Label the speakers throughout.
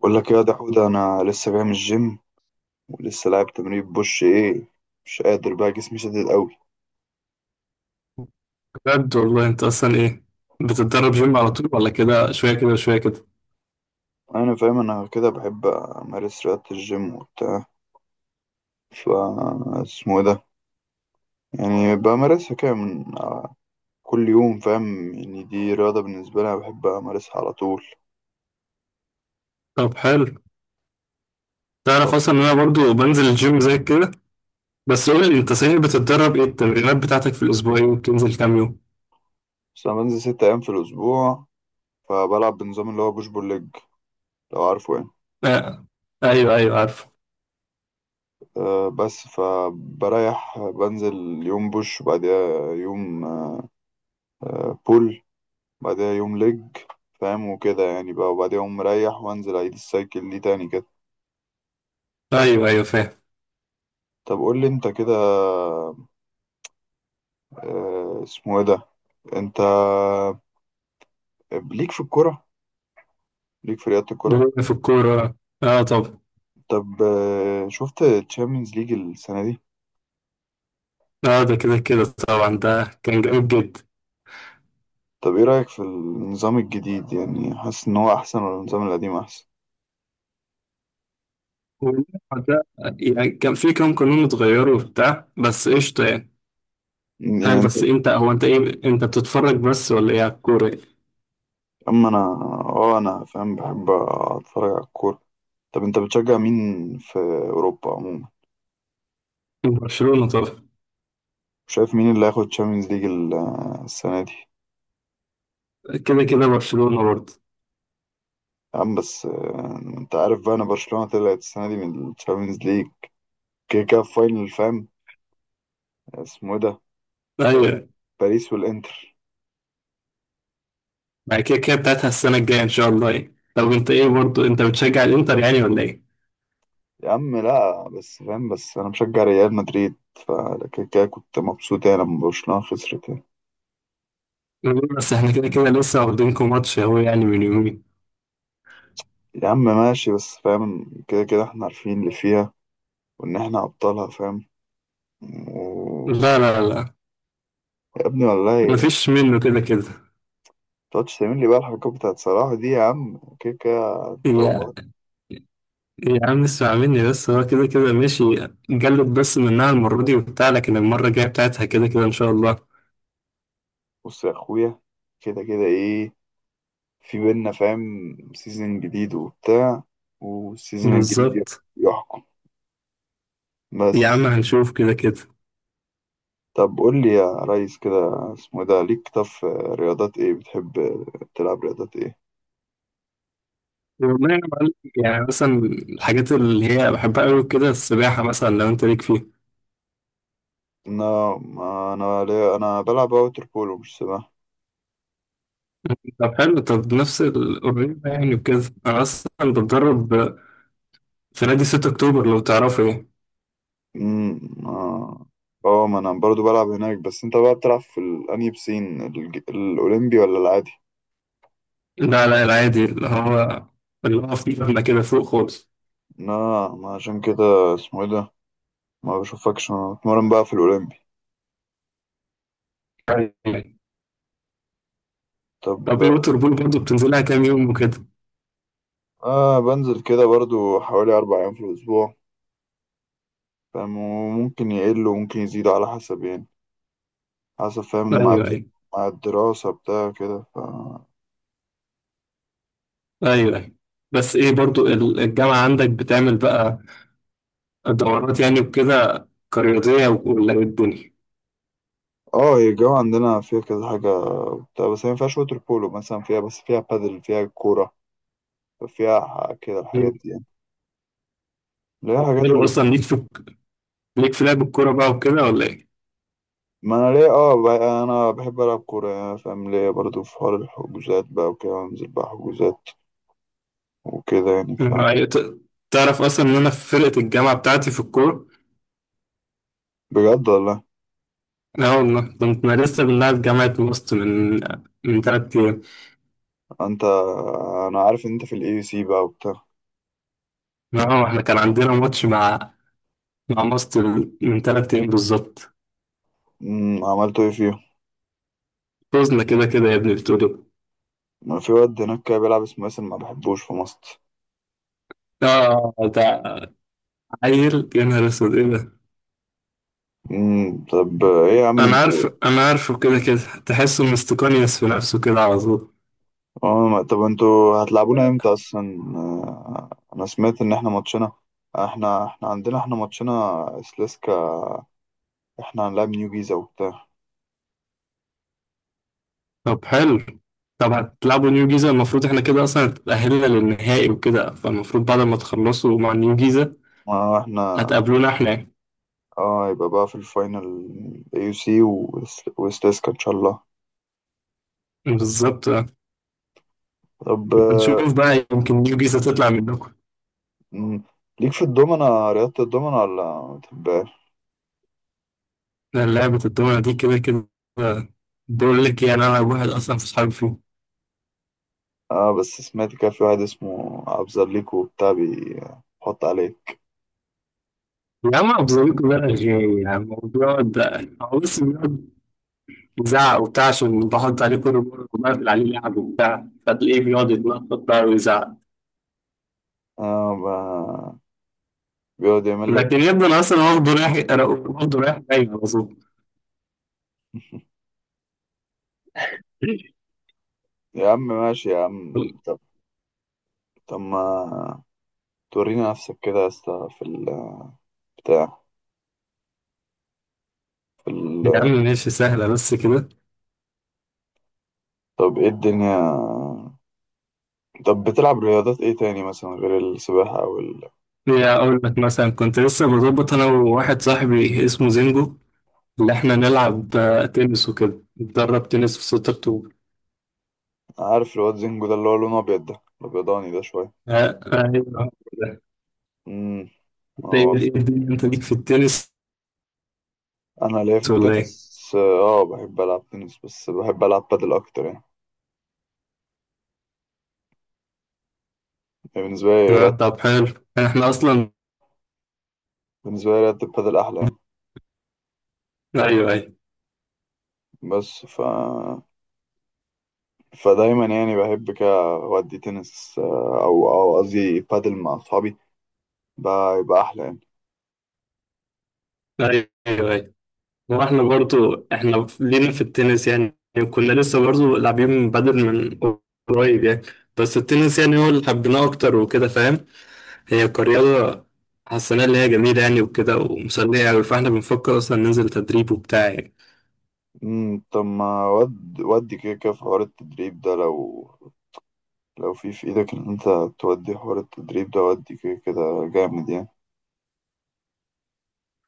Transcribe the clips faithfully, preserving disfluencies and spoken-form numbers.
Speaker 1: بقول لك يا دحود، انا لسه جاي من الجيم، ولسه لاعب تمرين بوش ايه. مش قادر بقى، جسمي شديد قوي.
Speaker 2: بجد والله انت اصلا ايه؟ بتتدرب جيم على طول ولا كده شويه كده شويه كده؟
Speaker 1: انا فاهم، انا كده بحب امارس رياضة الجيم وبتاع. ف اسمه إيه ده، يعني بمارسها كده من كل يوم، فاهم؟ يعني دي رياضة بالنسبة لي، أنا بحب امارسها على طول.
Speaker 2: طب حلو،
Speaker 1: طب
Speaker 2: تعرف اصلا ان انا برضو بنزل الجيم زي كده. بس قول لي انت صحيح، بتتدرب ايه التمرينات بتاعتك في الاسبوع، ايه وبتنزل كام يوم؟
Speaker 1: بس انا بنزل ست ايام في الاسبوع، فبلعب بنظام اللي هو بوش بول ليج، لو عارفه يعني.
Speaker 2: آه. ايوه ايوه عارف.
Speaker 1: أه بس فبريح، بنزل يوم بوش وبعديها يوم بول، بعدها يوم لج، فاهم؟ وكده يعني بقى، وبعدها يوم مريح وانزل اعيد السايكل دي تاني كده.
Speaker 2: ايوه ايوه فاهم.
Speaker 1: طب قول لي انت كده، آه، اسمه ايه ده، انت ليك في الكرة؟ ليك في رياضة الكرة؟
Speaker 2: في الكوره، اه طب.
Speaker 1: طب، آه، شفت تشامبيونز ليج السنة دي؟
Speaker 2: اه ده كده كده طبعا، ده كان جامد جدا.
Speaker 1: طب ايه رأيك في النظام الجديد؟ يعني حاسس ان هو احسن ولا النظام القديم احسن؟
Speaker 2: والموضوع ده يعني كان في كام قانون اتغيروا وبتاع، بس قشطه يعني. فاهم،
Speaker 1: يعني انت،
Speaker 2: بس انت هو انت ايه، انت بتتفرج بس ولا ايه على الكوره؟
Speaker 1: اما انا، اه انا فاهم، بحب اتفرج على الكورة. طب انت بتشجع مين في اوروبا عموما؟
Speaker 2: برشلونه طبعا.
Speaker 1: وشايف مين اللي هياخد تشامبيونز ليج السنة دي؟
Speaker 2: كده كده برشلونة برضه.
Speaker 1: يا عم بس، آه، انت عارف بقى انا برشلونة طلعت السنة دي من الشامبيونز ليج، كده كده في فاينل، فاهم؟ اسمه ايه ده،
Speaker 2: ايوه.
Speaker 1: باريس والانتر.
Speaker 2: بعد كده كده بتاعتها السنة الجاية ان شاء الله يعني. طب انت ايه برضه، انت بتشجع الانتر يعني ولا ايه؟
Speaker 1: يا عم لا، بس فاهم، بس انا مشجع ريال مدريد، فكده كده كنت مبسوط يعني لما برشلونة خسرت يعني.
Speaker 2: بس احنا كده كده لسه واخدينكم ماتش اهو يعني من يومين.
Speaker 1: يا عم ماشي، بس فاهم كده كده احنا عارفين اللي فيها، وان احنا ابطالها فاهم. و...
Speaker 2: لا لا لا،
Speaker 1: يا ابني والله،
Speaker 2: مفيش منه كده كده.
Speaker 1: متقعدش تعمل لي بقى الحركات بتاعت صلاح دي يا عم كده كده،
Speaker 2: يا
Speaker 1: توبات.
Speaker 2: يا عم اسمع مني، بس هو كده كده ماشي. جلد بس منها المرة دي وبتاع، لكن المرة الجاية بتاعتها كده كده ان شاء الله.
Speaker 1: بص يا اخويا، كده كده ايه في بينا فاهم، سيزن جديد وبتاع، والسيزن الجديد يح-
Speaker 2: بالظبط.
Speaker 1: يحكم بس.
Speaker 2: يا عم هنشوف كده كده.
Speaker 1: طب قول لي يا ريس كده، اسمه إيه ده، ليك طب في رياضات ايه بتحب تلعب؟ رياضات ايه؟
Speaker 2: والله يا معلم، يعني مثلا الحاجات اللي هي بحبها قوي كده السباحة، مثلا لو انت ليك فيها.
Speaker 1: انا ما انا ليا- انا بلعب ووتر بولو مش سباحة.
Speaker 2: طب حلو، طب نفس القريب يعني وكده، أنا أصلا بتدرب في نادي ستة أكتوبر لو تعرفه يعني.
Speaker 1: امم، اه، آه، ما انا برضو بلعب هناك. بس انت بقى بتلعب في ال- انهي بسين، الج- الاولمبي ولا العادي؟
Speaker 2: لا لا، العادي اللي هو اللي هو فيه مبنى كده فوق خالص.
Speaker 1: لا، ما عشان كده اسمه ايه ده، ما بشوفكش. انا بتمرن بقى في الاولمبي.
Speaker 2: أيوة. طب إيه
Speaker 1: طب،
Speaker 2: ووتر بول برضه بتنزلها كام يوم وكده؟
Speaker 1: آه بنزل كده برضو حوالي أربع أيام في الأسبوع، فاهم؟ وممكن يقل وممكن يزيد على حسب يعني، حسب فاهم
Speaker 2: أيوه
Speaker 1: مع الد-
Speaker 2: أيوه.
Speaker 1: مع الدراسة بتاع كده. ف
Speaker 2: أيوه أيوه. بس إيه برضه ال- الجامعة عندك بتعمل بقى دورات يعني وكده كرياضية، ولا إيه الدنيا؟
Speaker 1: اه، هي الجو عندنا فيها كذا حاجة بتاع بس هي مينفعش ووتر بولو مثلا فيها، بس فيها بادل، فيها كورة، فيها ح- كده
Speaker 2: مم.
Speaker 1: الحاجات دي يعني، اللي هي حاجات
Speaker 2: حلو،
Speaker 1: اللي.
Speaker 2: أصلا ليك في ليك في لعب الكورة بقى وكده ولا إيه؟
Speaker 1: ما أنا ليه اه، ب- أنا بحب ألعب كورة يعني، فاهم؟ ليه برضو في حوار الحجوزات بقى، وكده أنزل بقى حجوزات وكده يعني. ف
Speaker 2: مم. أيوة، ت- تعرف أصلا إن أنا في فرقة الجامعة بتاعتي في الكورة.
Speaker 1: بجد والله!
Speaker 2: لا والله، كنت لسه بنلعب جامعة ماست من من تلات أيام.
Speaker 1: أنت، أنا عارف إن أنت في الإي سي بقى وبتاع.
Speaker 2: اه احنا كان عندنا ماتش مع مع ماست من تلات أيام بالظبط.
Speaker 1: امم، عملتوا ايه فيهم؟
Speaker 2: فزنا كده كده يا ابني بتقولوا.
Speaker 1: ما في واد هناك كده بيلعب اسمه ياسر، ما بحبوش في مصر.
Speaker 2: اه ده عيل، يا نهار أسود إيه ده.
Speaker 1: امم، طب ايه يا عم
Speaker 2: أنا
Speaker 1: انتوا؟
Speaker 2: عارف، أنا عارفه كده كده، تحسه مستقنيس في نفسه كده على طول.
Speaker 1: اه ما- طب انتوا هتلعبونا امتى اصلا؟ آه، انا سمعت ان احنا ماتشنا، احنا احنا عندنا احنا ماتشنا سليسكا. احنا هنلعب نيو جيزا وبتاع.
Speaker 2: طب حلو، طب هتلعبوا نيو جيزة. المفروض احنا كده أصلا اتأهلنا للنهائي وكده، فالمفروض بعد ما تخلصوا مع نيو جيزة
Speaker 1: ما احنا،
Speaker 2: هتقابلونا احنا.
Speaker 1: اه، يبقى بقى في الفاينل، اي سي وسليسكا ان شاء الله.
Speaker 2: بالظبط.
Speaker 1: طب، آه،
Speaker 2: نشوف بقى، يمكن نيو جيزة تطلع منكم.
Speaker 1: مم، ليك في الدومنة، رياضة الدومنة ولا ما بتحبهاش؟
Speaker 2: لأن لعبة الدولة دي كده كده، بقول لك يعني أنا واحد أصلا في صحابي فيه.
Speaker 1: اه بس سمعت كان في واحد اسمه ابزرليكو وبتاع بيحط عليه.
Speaker 2: يا عم أبزويكوا بقى غير يا عم، وبيقعد، هو بس بيقعد يزعق وبتاع عشان بحط عليه كل مرة وبقفل عليه لعب وبتاع، فتلاقيه بيقعد يتنطط بقى ويزعق.
Speaker 1: اه، ب- بيقعد يعمل لك
Speaker 2: لكن يبدو أنا أصلا واخده رايح، واخده رايح جاي على طول.
Speaker 1: يا عم ماشي يا عم، طب، طب ما تورينا نفسك كده يا اسطى في البتاع، في
Speaker 2: يا عم
Speaker 1: ال...
Speaker 2: ماشي، سهلة بس كده.
Speaker 1: طب ايه الدنيا؟ طب بتلعب رياضات ايه تاني مثلا غير السباحة او ال...
Speaker 2: يا أقول لك، مثلا كنت لسه بظبط أنا وواحد صاحبي اسمه زينجو إن إحنا نلعب آه، تنس وكده، نتدرب تنس في ستة أكتوبر.
Speaker 1: عارف الواد زينجو ده اللي هو لونه ابيض ده الابيضاني ده شوية؟
Speaker 2: آه، آه، أيوه ده.
Speaker 1: امم،
Speaker 2: إنت
Speaker 1: هو
Speaker 2: إيه،
Speaker 1: بص-
Speaker 2: إيه الدنيا، أنت ليك في التنس
Speaker 1: انا ليا في
Speaker 2: ولا إيه؟
Speaker 1: التنس اه، آه، بحب العب تنس، بس بحب العب بادل اكتر يعني. بالنسبة
Speaker 2: آه،
Speaker 1: لي
Speaker 2: طب حلو. إحنا أصلا
Speaker 1: بالنسبة لي رياضة البادل أحلى يعني.
Speaker 2: أيوه أيوه
Speaker 1: بس ف... فدايما يعني بحب كده أودي تنس، آه، أو أو قصدي بادل مع أصحابي بقى، يبقى أحلى يعني.
Speaker 2: أيوه أيوه، وإحنا برضو إحنا لينا في التنس يعني. كنا لسه برضو لاعبين بدل من قريب يعني، بس التنس يعني هو اللي حبيناه أكتر وكده فاهم. هي كرياضة حسيناها اللي هي جميلة يعني وكده ومسلية أوي، فإحنا بنفكر أصلا ننزل تدريب وبتاع يعني.
Speaker 1: مم، طب، ما ود ودي كده كده في حوار التدريب ده، لو لو في في إيدك إن أنت تودي حوار التدريب ده، ودي كده كده جامد يعني.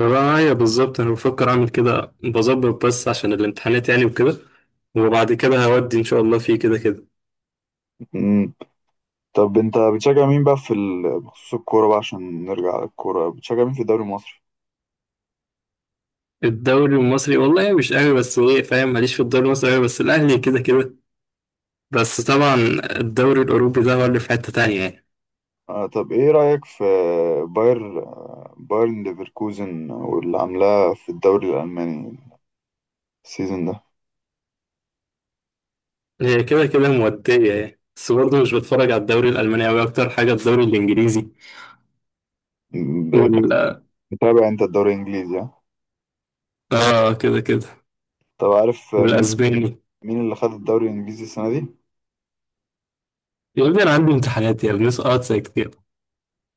Speaker 2: معايا بالظبط، انا بفكر اعمل كده بظبط، بس عشان الامتحانات يعني وكده، وبعد كده هودي ان شاء الله فيه كده كده.
Speaker 1: مم. طب أنت بتشجع مين بقى في ال... بخصوص الكورة بقى عشان نرجع للكورة، بتشجع مين في الدوري المصري؟
Speaker 2: الدوري المصري والله مش قوي، بس ايه فاهم، ماليش في الدوري المصري قوي، بس الاهلي كده كده. بس طبعا الدوري الاوروبي ده هو اللي في حتة تانية يعني.
Speaker 1: آه طب ايه رأيك في باير آه، بايرن ليفركوزن واللي عاملاه في الدوري الألماني السيزون ده؟
Speaker 2: هي كده كده مودية يعني، بس برضه مش بتفرج على الدوري الالماني قوي، اكتر حاجة الدوري الانجليزي
Speaker 1: ب-
Speaker 2: وال.
Speaker 1: بتتابع انت الدوري الإنجليزي ها؟
Speaker 2: اه كده كده،
Speaker 1: طب عارف مين
Speaker 2: والاسباني.
Speaker 1: مين اللي خد الدوري الإنجليزي السنة دي؟
Speaker 2: يا ابني انا عندي امتحانات يا ابني، اسقاط زي كتير.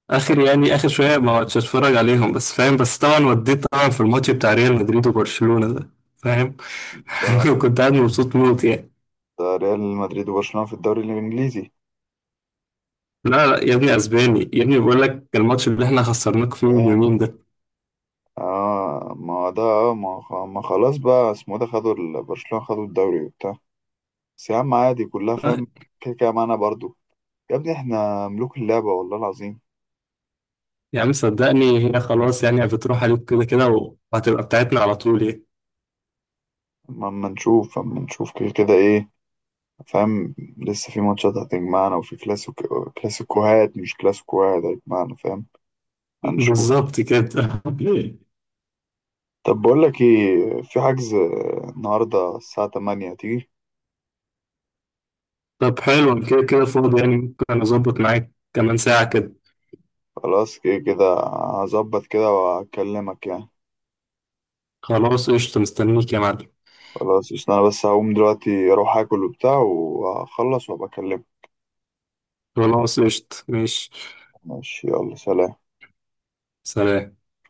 Speaker 2: اخر يعني اخر شويه ما عدتش اتفرج عليهم بس فاهم، بس طبعا وديت طبعا في الماتش بتاع ريال مدريد وبرشلونه ده، فاهم.
Speaker 1: ده
Speaker 2: كنت قاعد مبسوط موت يعني.
Speaker 1: ده ريال مدريد وبرشلونة في الدوري الإنجليزي؟
Speaker 2: لا لا يا ابني، اسباني يا ابني، بقول لك الماتش اللي احنا خسرناك فيه من يومين ده.
Speaker 1: اه ما ده، اه ما خ- ما خلاص بقى اسمه ده، خدوا ال- برشلونة خدوا الدوري وبتاع. بس يا عم عادي، كلها
Speaker 2: آه.
Speaker 1: فاهم كده كده معانا برضو. يا ابني احنا ملوك اللعبة والله العظيم!
Speaker 2: يا عم صدقني، هي خلاص يعني بتروح عليك كده كده، وهتبقى بتاعتنا على طول يعني.
Speaker 1: اما أما نشوف، اما نشوف كده كده ايه، فاهم؟ لسه في ماتشات هتجمعنا، وفي كلاسيكو كلاسيكوهات مش كلاسيكوهات هتجمعنا فاهم. هنشوف.
Speaker 2: بالظبط كده.
Speaker 1: طب بقول لك ايه، في حجز النهارده الساعة تمانية، تيجي؟
Speaker 2: طب حلو، أنا كده كده فاضي يعني، ممكن اظبط معاك كمان ساعه كده.
Speaker 1: خلاص كده كده، هظبط كده وهكلمك يعني.
Speaker 2: خلاص قشطه، مستنيك يا معلم.
Speaker 1: خلاص، عشان انا بس هقوم دلوقتي اروح اكل وبتاع وهخلص وابقى اكلمك.
Speaker 2: خلاص قشطه ماشي.
Speaker 1: ماشي، يلا سلام.
Speaker 2: سلام.